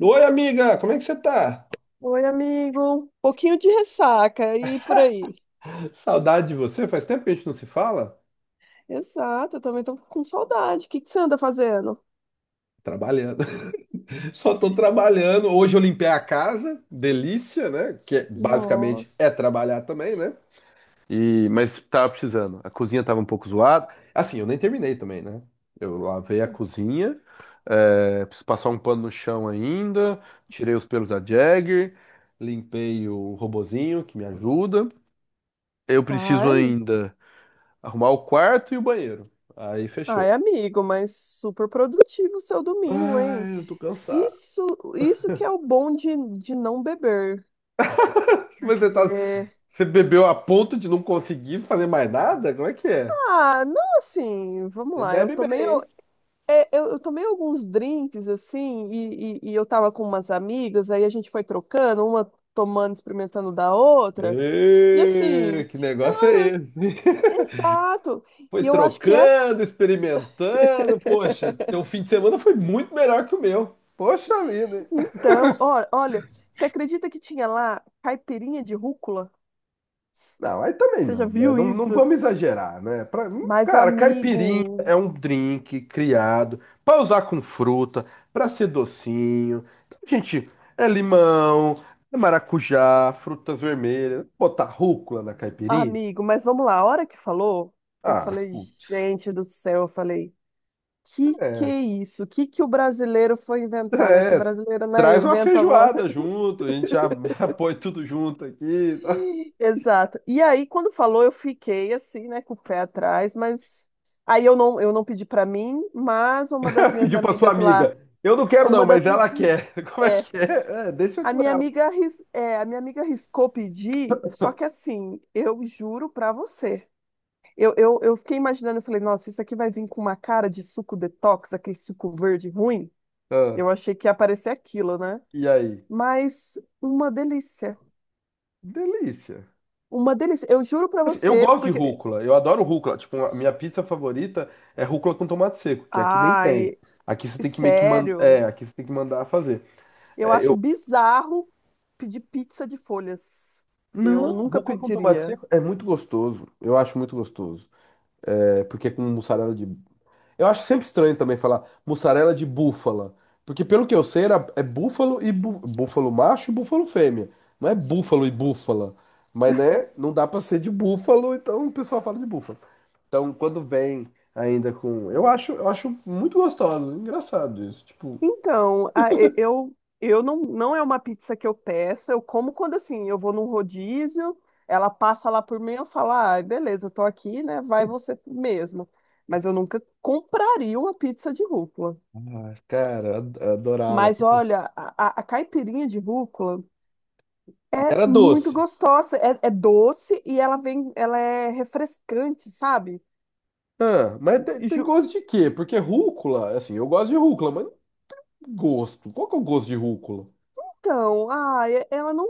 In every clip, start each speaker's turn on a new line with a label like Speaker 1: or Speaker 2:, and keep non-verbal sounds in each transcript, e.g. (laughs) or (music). Speaker 1: Oi, amiga, como é que você tá?
Speaker 2: Oi, amigo. Pouquinho de ressaca e por aí.
Speaker 1: Saudade de você, faz tempo que a gente não se fala.
Speaker 2: Exato, eu também tô com saudade. O que que você anda fazendo?
Speaker 1: Trabalhando. (laughs) Só tô trabalhando. Hoje eu limpei a casa, delícia, né? Basicamente
Speaker 2: Nossa.
Speaker 1: é trabalhar também, né? Mas tava precisando. A cozinha tava um pouco zoada. Assim, eu nem terminei também, né? Eu lavei a cozinha, preciso passar um pano no chão ainda, tirei os pelos da Jagger, limpei o robozinho que me ajuda. Eu preciso
Speaker 2: Ai, am-
Speaker 1: ainda arrumar o quarto e o banheiro. Aí fechou.
Speaker 2: Ai, amigo, mas super produtivo o seu domingo, hein?
Speaker 1: Ai, eu tô cansado.
Speaker 2: Isso, isso que é o bom de não beber.
Speaker 1: Mas você tá,
Speaker 2: É,
Speaker 1: você bebeu a ponto de não conseguir fazer mais nada? Como é que é?
Speaker 2: ah, não, assim, vamos
Speaker 1: Você
Speaker 2: lá.
Speaker 1: bebe bem, hein?
Speaker 2: É, eu tomei alguns drinks, assim, e eu tava com umas amigas, aí a gente foi trocando, uma tomando, experimentando da outra. E
Speaker 1: Ê,
Speaker 2: assim.
Speaker 1: que negócio é esse?
Speaker 2: Exato.
Speaker 1: (laughs) Foi
Speaker 2: E eu acho que é
Speaker 1: trocando, experimentando. Poxa, teu
Speaker 2: (laughs)
Speaker 1: fim de semana foi muito melhor que o meu. Poxa vida.
Speaker 2: Então, olha, você acredita que tinha lá caipirinha de rúcula?
Speaker 1: Não, aí também
Speaker 2: Você já
Speaker 1: não, né?
Speaker 2: viu
Speaker 1: Não
Speaker 2: isso?
Speaker 1: vamos exagerar, né?
Speaker 2: Mas
Speaker 1: Cara, caipirinha
Speaker 2: amigo,
Speaker 1: é um drink criado para usar com fruta, para ser docinho. Então, gente, é limão, é maracujá, frutas vermelhas. Botar rúcula na caipirinha?
Speaker 2: amigo, mas vamos lá, a hora que falou, eu
Speaker 1: Ah,
Speaker 2: falei,
Speaker 1: putz.
Speaker 2: gente do céu, eu falei, que
Speaker 1: É,
Speaker 2: é isso? Que o brasileiro foi inventar, né? Que o
Speaker 1: é.
Speaker 2: brasileiro, né,
Speaker 1: Traz uma
Speaker 2: inventa uma,
Speaker 1: feijoada junto, a gente já, (laughs) já põe tudo junto aqui.
Speaker 2: exato. E aí, quando falou, eu fiquei assim, né, com o pé atrás, mas aí eu não pedi para mim, mas uma das
Speaker 1: (laughs)
Speaker 2: minhas
Speaker 1: Pediu para sua
Speaker 2: amigas lá,
Speaker 1: amiga. Eu não quero não,
Speaker 2: uma das,
Speaker 1: mas ela quer. (laughs) Como é
Speaker 2: é,
Speaker 1: que é? É, deixa
Speaker 2: a
Speaker 1: com
Speaker 2: minha
Speaker 1: ela.
Speaker 2: amiga, a minha amiga riscou pedir, só que assim, eu juro para você, eu fiquei imaginando, eu falei, nossa, isso aqui vai vir com uma cara de suco detox, aquele suco verde ruim.
Speaker 1: Ah,
Speaker 2: Eu achei que ia aparecer aquilo, né?
Speaker 1: e aí?
Speaker 2: Mas uma delícia.
Speaker 1: Delícia.
Speaker 2: Uma delícia. Eu juro para
Speaker 1: Assim, eu
Speaker 2: você,
Speaker 1: gosto de
Speaker 2: porque
Speaker 1: rúcula, eu adoro rúcula. Tipo, a minha pizza favorita é rúcula com tomate seco, que aqui nem tem.
Speaker 2: ai,
Speaker 1: Aqui você tem que meio que mandar,
Speaker 2: sério,
Speaker 1: aqui você tem que mandar fazer.
Speaker 2: eu
Speaker 1: É,
Speaker 2: acho
Speaker 1: eu
Speaker 2: bizarro pedir pizza de folhas. Eu
Speaker 1: não,
Speaker 2: nunca
Speaker 1: rúcula com tomate
Speaker 2: pediria.
Speaker 1: seco é muito gostoso. Eu acho muito gostoso. É, porque é com mussarela de... Eu acho sempre estranho também falar mussarela de búfala. Porque pelo que eu sei, era, é búfalo e búfalo macho e búfalo fêmea. Não é búfalo e búfala. Mas, né, não dá pra ser de búfalo, então o pessoal fala de búfalo. Então, quando vem ainda com... Eu acho muito gostoso, engraçado isso. Tipo,
Speaker 2: Então, eu não é uma pizza que eu peço, eu como quando assim, eu vou num rodízio, ela passa lá por mim, eu falo: "Ah, beleza, eu tô aqui, né? Vai você mesmo". Mas eu nunca compraria uma pizza de rúcula.
Speaker 1: ah, cara, eu adorava.
Speaker 2: Mas olha, a caipirinha de rúcula
Speaker 1: E
Speaker 2: é
Speaker 1: era
Speaker 2: muito
Speaker 1: doce.
Speaker 2: gostosa, é doce e ela vem, ela é refrescante, sabe?
Speaker 1: Ah, mas tem gosto de quê? Porque rúcula, assim, eu gosto de rúcula, mas gosto. Qual que é o gosto de rúcula?
Speaker 2: Então, ah, ela não.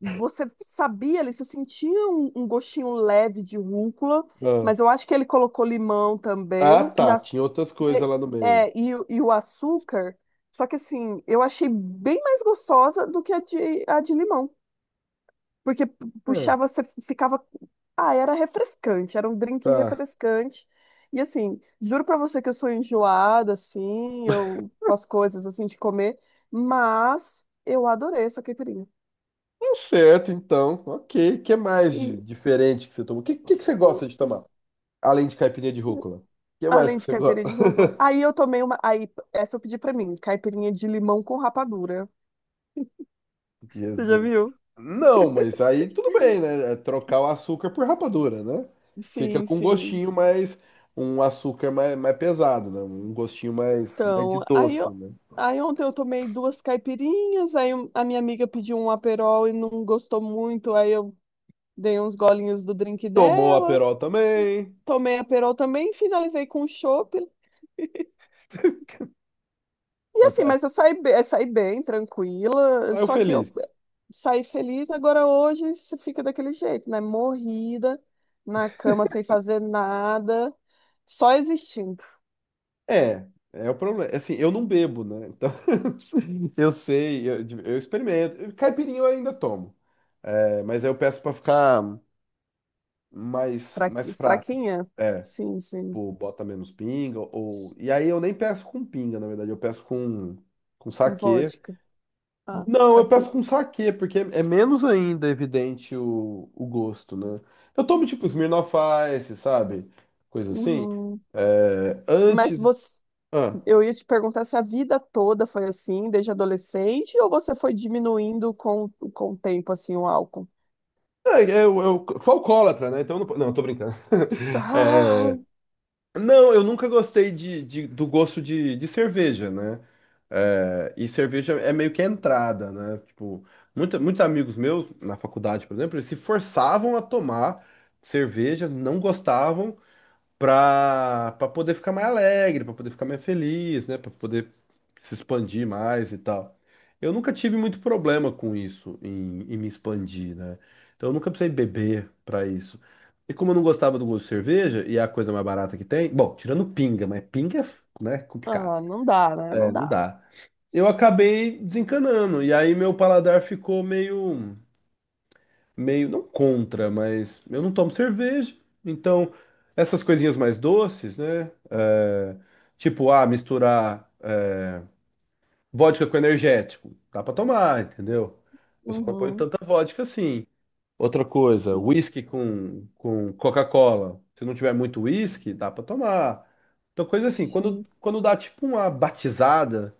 Speaker 2: Você sabia ali, você sentia um gostinho leve de rúcula, mas eu acho que ele colocou limão
Speaker 1: Ah,
Speaker 2: também e,
Speaker 1: tá.
Speaker 2: a,
Speaker 1: Tinha outras coisas
Speaker 2: e,
Speaker 1: lá no meio.
Speaker 2: é, e o açúcar. Só que assim, eu achei bem mais gostosa do que a de limão. Porque
Speaker 1: É,
Speaker 2: puxava, você ficava. Ah, era refrescante, era um drink
Speaker 1: tá.
Speaker 2: refrescante. E assim, juro pra você que eu sou enjoada, assim, eu com as coisas assim de comer, mas eu adorei essa caipirinha.
Speaker 1: Tá certo, então. Ok. O que mais de
Speaker 2: E
Speaker 1: diferente que você tomou? O que que você gosta de tomar? Além de caipirinha de rúcula. O que mais
Speaker 2: além
Speaker 1: que
Speaker 2: de
Speaker 1: você gosta?
Speaker 2: caipirinha de
Speaker 1: (laughs)
Speaker 2: rúcula, aí eu tomei uma. Aí, essa eu pedi pra mim, caipirinha de limão com rapadura. Você já
Speaker 1: Jesus.
Speaker 2: viu?
Speaker 1: Não, mas aí tudo bem, né? É trocar o açúcar por rapadura, né? Fica
Speaker 2: Sim,
Speaker 1: com um
Speaker 2: sim.
Speaker 1: gostinho mais. Um açúcar mais pesado, né? Um gostinho mais de
Speaker 2: Então,
Speaker 1: doce, né?
Speaker 2: aí ontem eu tomei duas caipirinhas, aí a minha amiga pediu um aperol e não gostou muito, aí eu dei uns golinhos do drink
Speaker 1: Tomou
Speaker 2: dela,
Speaker 1: Aperol também.
Speaker 2: tomei a Perol também, finalizei com o chopp.
Speaker 1: (laughs)
Speaker 2: E assim, mas eu saí, saí bem, tranquila,
Speaker 1: Aí eu
Speaker 2: só que eu
Speaker 1: feliz.
Speaker 2: saí feliz. Agora hoje você fica daquele jeito, né? Morrida, na cama, sem fazer nada, só existindo.
Speaker 1: É, é o problema. Assim, eu não bebo, né? Então, eu sei, eu experimento. Caipirinha eu ainda tomo, é, mas aí eu peço pra ficar mais fraca.
Speaker 2: Fraquinha?
Speaker 1: É,
Speaker 2: Sim, sim,
Speaker 1: pô, bota menos pinga, ou... E aí eu nem peço com pinga, na verdade, com
Speaker 2: com
Speaker 1: saquê.
Speaker 2: vodka. Ah,
Speaker 1: Não, eu peço
Speaker 2: saquei.
Speaker 1: com saquê, porque é menos ainda evidente o gosto, né? Eu tomo tipo Smirnoff Ice, sabe? Coisa assim.
Speaker 2: Uhum.
Speaker 1: É,
Speaker 2: Mas
Speaker 1: antes...
Speaker 2: você.
Speaker 1: Ah,
Speaker 2: Eu ia te perguntar se a vida toda foi assim, desde adolescente, ou você foi diminuindo com o tempo, assim, o álcool?
Speaker 1: é, eu sou alcoólatra, né? Então eu não... Não, tô brincando.
Speaker 2: Ah,
Speaker 1: (laughs) Não, eu nunca gostei de, do gosto de cerveja, né? É, e cerveja é meio que a entrada, né? Tipo, muitos amigos meus, na faculdade, por exemplo, eles se forçavam a tomar cerveja, não gostavam, para poder ficar mais alegre, para poder ficar mais feliz, né, para poder se expandir mais e tal. Eu nunca tive muito problema com isso, em, em me expandir, né? Então eu nunca precisei beber para isso. E como eu não gostava do gosto de cerveja, e é a coisa mais barata que tem, bom, tirando pinga, mas pinga é, f- né,
Speaker 2: ah,
Speaker 1: complicado.
Speaker 2: não dá, né?
Speaker 1: É,
Speaker 2: Não
Speaker 1: não
Speaker 2: dá.
Speaker 1: dá. Eu acabei desencanando, e aí meu paladar ficou meio meio, não contra, mas eu não tomo cerveja, então essas coisinhas mais doces, né? É, tipo, ah, misturar vodka com energético, dá pra tomar, entendeu? Eu só não ponho
Speaker 2: Uhum,
Speaker 1: tanta vodka assim. Outra coisa, whisky com Coca-Cola. Se não tiver muito whisky, dá pra tomar. Então, coisa assim, quando,
Speaker 2: sim.
Speaker 1: quando dá tipo uma batizada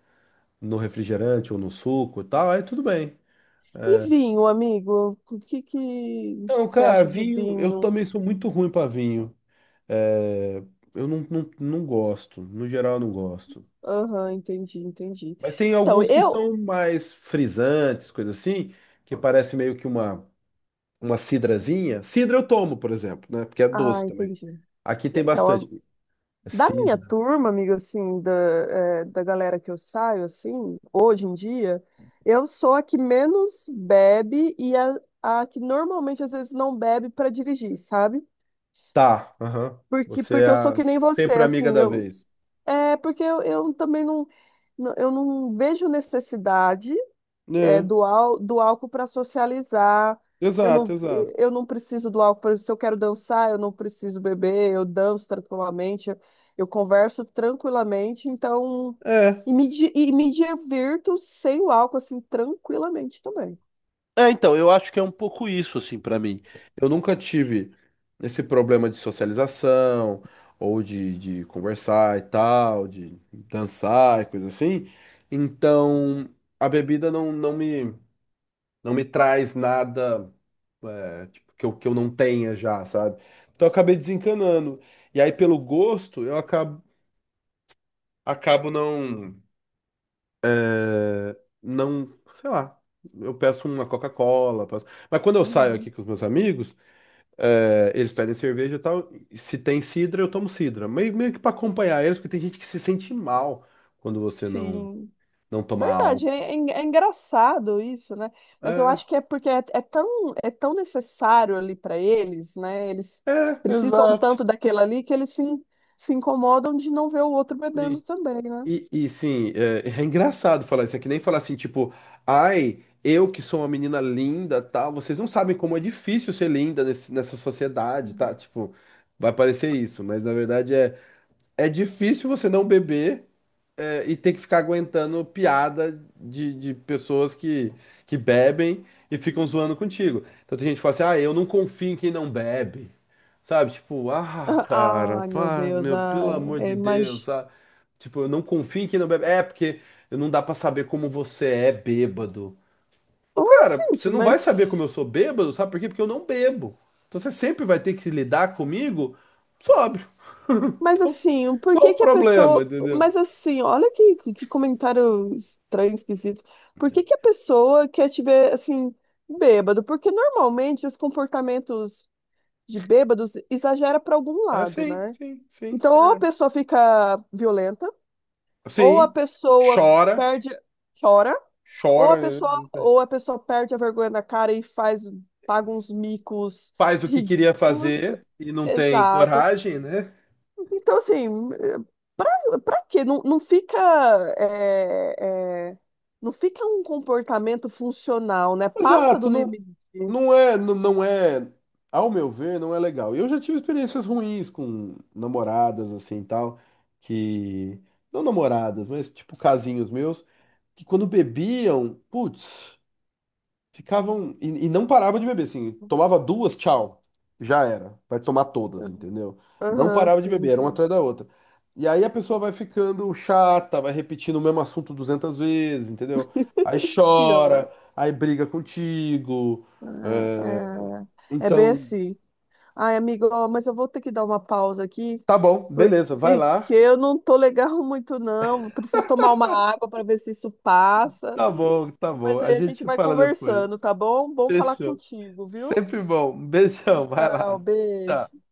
Speaker 1: no refrigerante ou no suco e tal, aí tudo bem.
Speaker 2: E vinho, amigo? O que que
Speaker 1: Então,
Speaker 2: você
Speaker 1: cara,
Speaker 2: acha de
Speaker 1: vinho, eu
Speaker 2: vinho?
Speaker 1: também sou muito ruim pra vinho. É, eu não, não, não gosto, no geral eu não gosto.
Speaker 2: Aham, entendi, entendi.
Speaker 1: Mas tem
Speaker 2: Então,
Speaker 1: alguns que
Speaker 2: eu...
Speaker 1: são mais frisantes, coisa assim, que parece meio que uma cidrazinha. Cidra eu tomo, por exemplo, né? Porque é
Speaker 2: Ah,
Speaker 1: doce também.
Speaker 2: entendi.
Speaker 1: Aqui tem
Speaker 2: Então,
Speaker 1: bastante. É
Speaker 2: da minha
Speaker 1: cidra.
Speaker 2: turma, amiga, assim, da galera que eu saio, assim, hoje em dia, eu sou a que menos bebe e a que normalmente às vezes não bebe para dirigir, sabe?
Speaker 1: Tá, aham.
Speaker 2: Porque,
Speaker 1: Você é
Speaker 2: porque eu sou que nem você,
Speaker 1: sempre a amiga
Speaker 2: assim,
Speaker 1: da
Speaker 2: eu,
Speaker 1: vez.
Speaker 2: é porque eu também não, eu não vejo necessidade é,
Speaker 1: É,
Speaker 2: do álcool para socializar. Eu
Speaker 1: exato,
Speaker 2: não,
Speaker 1: exato.
Speaker 2: eu não preciso do álcool. Por exemplo, se eu quero dançar, eu não preciso beber, eu danço tranquilamente, eu converso tranquilamente, então.
Speaker 1: É.
Speaker 2: E me divirto sem o álcool, assim, tranquilamente também.
Speaker 1: É, então, eu acho que é um pouco isso, assim, pra mim. Eu nunca tive esse problema de socialização, ou de conversar e tal, de dançar e coisa assim. Então, a bebida não, não me traz nada, é, tipo, que eu não tenha já, sabe? Então, eu acabei desencanando. E aí, pelo gosto, eu acabo, acabo não, é, não, sei lá. Eu peço uma Coca-Cola, mas quando eu saio aqui
Speaker 2: Uhum.
Speaker 1: com os meus amigos. É, eles pedem cerveja e tal. Se tem sidra, eu tomo sidra. Meio que pra acompanhar eles, porque tem gente que se sente mal quando você
Speaker 2: Sim.
Speaker 1: não toma
Speaker 2: Verdade,
Speaker 1: álcool.
Speaker 2: é, é engraçado isso, né? Mas eu
Speaker 1: É,
Speaker 2: acho que é porque é tão necessário ali para eles, né? Eles precisam
Speaker 1: exato.
Speaker 2: tanto daquilo ali que eles se incomodam de não ver o outro
Speaker 1: Sim.
Speaker 2: bebendo também, né?
Speaker 1: E sim, é engraçado falar isso. É que nem falar assim, tipo, ai, eu que sou uma menina linda, tal. Vocês não sabem como é difícil ser linda nessa sociedade, tá?
Speaker 2: (laughs)
Speaker 1: Tipo, vai parecer isso, mas na verdade é, é difícil você não beber. É, e ter que ficar aguentando piada de pessoas que bebem e ficam zoando contigo. Então tem gente que fala assim, ah, eu não confio em quem não bebe. Sabe? Tipo, ah, cara,
Speaker 2: Ai, meu
Speaker 1: pá,
Speaker 2: Deus,
Speaker 1: meu, pelo
Speaker 2: ai,
Speaker 1: amor de Deus,
Speaker 2: imagina.
Speaker 1: sabe? Tipo, eu não confio em quem não bebe. É, porque não dá pra saber como você é bêbado. Ô,
Speaker 2: Ai,
Speaker 1: cara, você
Speaker 2: gente,
Speaker 1: não vai saber como eu sou bêbado, sabe por quê? Porque eu não bebo. Então você sempre vai ter que lidar comigo sóbrio.
Speaker 2: mas
Speaker 1: Então,
Speaker 2: assim, por
Speaker 1: qual
Speaker 2: que
Speaker 1: o
Speaker 2: que a
Speaker 1: problema,
Speaker 2: pessoa.
Speaker 1: entendeu?
Speaker 2: Mas assim, olha que comentário estranho, esquisito. Por que que a pessoa quer te ver assim, bêbado? Porque normalmente os comportamentos de bêbados exagera para algum
Speaker 1: É,
Speaker 2: lado,
Speaker 1: sim,
Speaker 2: né?
Speaker 1: sim, sim.
Speaker 2: Então, ou a
Speaker 1: é.
Speaker 2: pessoa fica violenta, ou a
Speaker 1: Sim,
Speaker 2: pessoa
Speaker 1: chora,
Speaker 2: perde, chora,
Speaker 1: chora, né?
Speaker 2: ou a pessoa perde a vergonha na cara e faz, paga uns micos
Speaker 1: Faz o que queria
Speaker 2: ridículos.
Speaker 1: fazer e não tem
Speaker 2: Exato.
Speaker 1: coragem, né?
Speaker 2: Então, assim, pra, pra quê? Não, não fica, é, é, não fica um comportamento funcional, né? Passa
Speaker 1: Exato,
Speaker 2: do limite.
Speaker 1: não é, ao meu ver, não é legal. Eu já tive experiências ruins com namoradas, assim, tal, que, não namoradas, mas tipo casinhos meus, que quando bebiam, putz. Ficavam e não parava de beber, assim, tomava duas, tchau, já era, vai tomar todas, entendeu? Não
Speaker 2: Aham,
Speaker 1: parava de
Speaker 2: sim,
Speaker 1: beber, era uma
Speaker 2: sim.
Speaker 1: atrás da outra. E aí a pessoa vai ficando chata, vai repetindo o mesmo assunto 200 vezes, entendeu? Aí chora,
Speaker 2: Pior.
Speaker 1: aí briga contigo.
Speaker 2: Ah,
Speaker 1: É.
Speaker 2: ah. É bem
Speaker 1: Então,
Speaker 2: assim. Ai, amigo, ó, mas eu vou ter que dar uma pausa aqui,
Speaker 1: tá bom, beleza, vai
Speaker 2: porque
Speaker 1: lá.
Speaker 2: eu não tô legal (laughs) muito, não. Preciso tomar uma água para ver se isso passa.
Speaker 1: Tá bom,
Speaker 2: Mas
Speaker 1: a
Speaker 2: aí a
Speaker 1: gente
Speaker 2: gente
Speaker 1: se
Speaker 2: vai
Speaker 1: fala depois.
Speaker 2: conversando, tá bom? Bom falar
Speaker 1: Fechou.
Speaker 2: contigo, viu?
Speaker 1: Sempre bom. Um beijão, vai
Speaker 2: Tchau,
Speaker 1: lá.
Speaker 2: beijo.
Speaker 1: Tchau.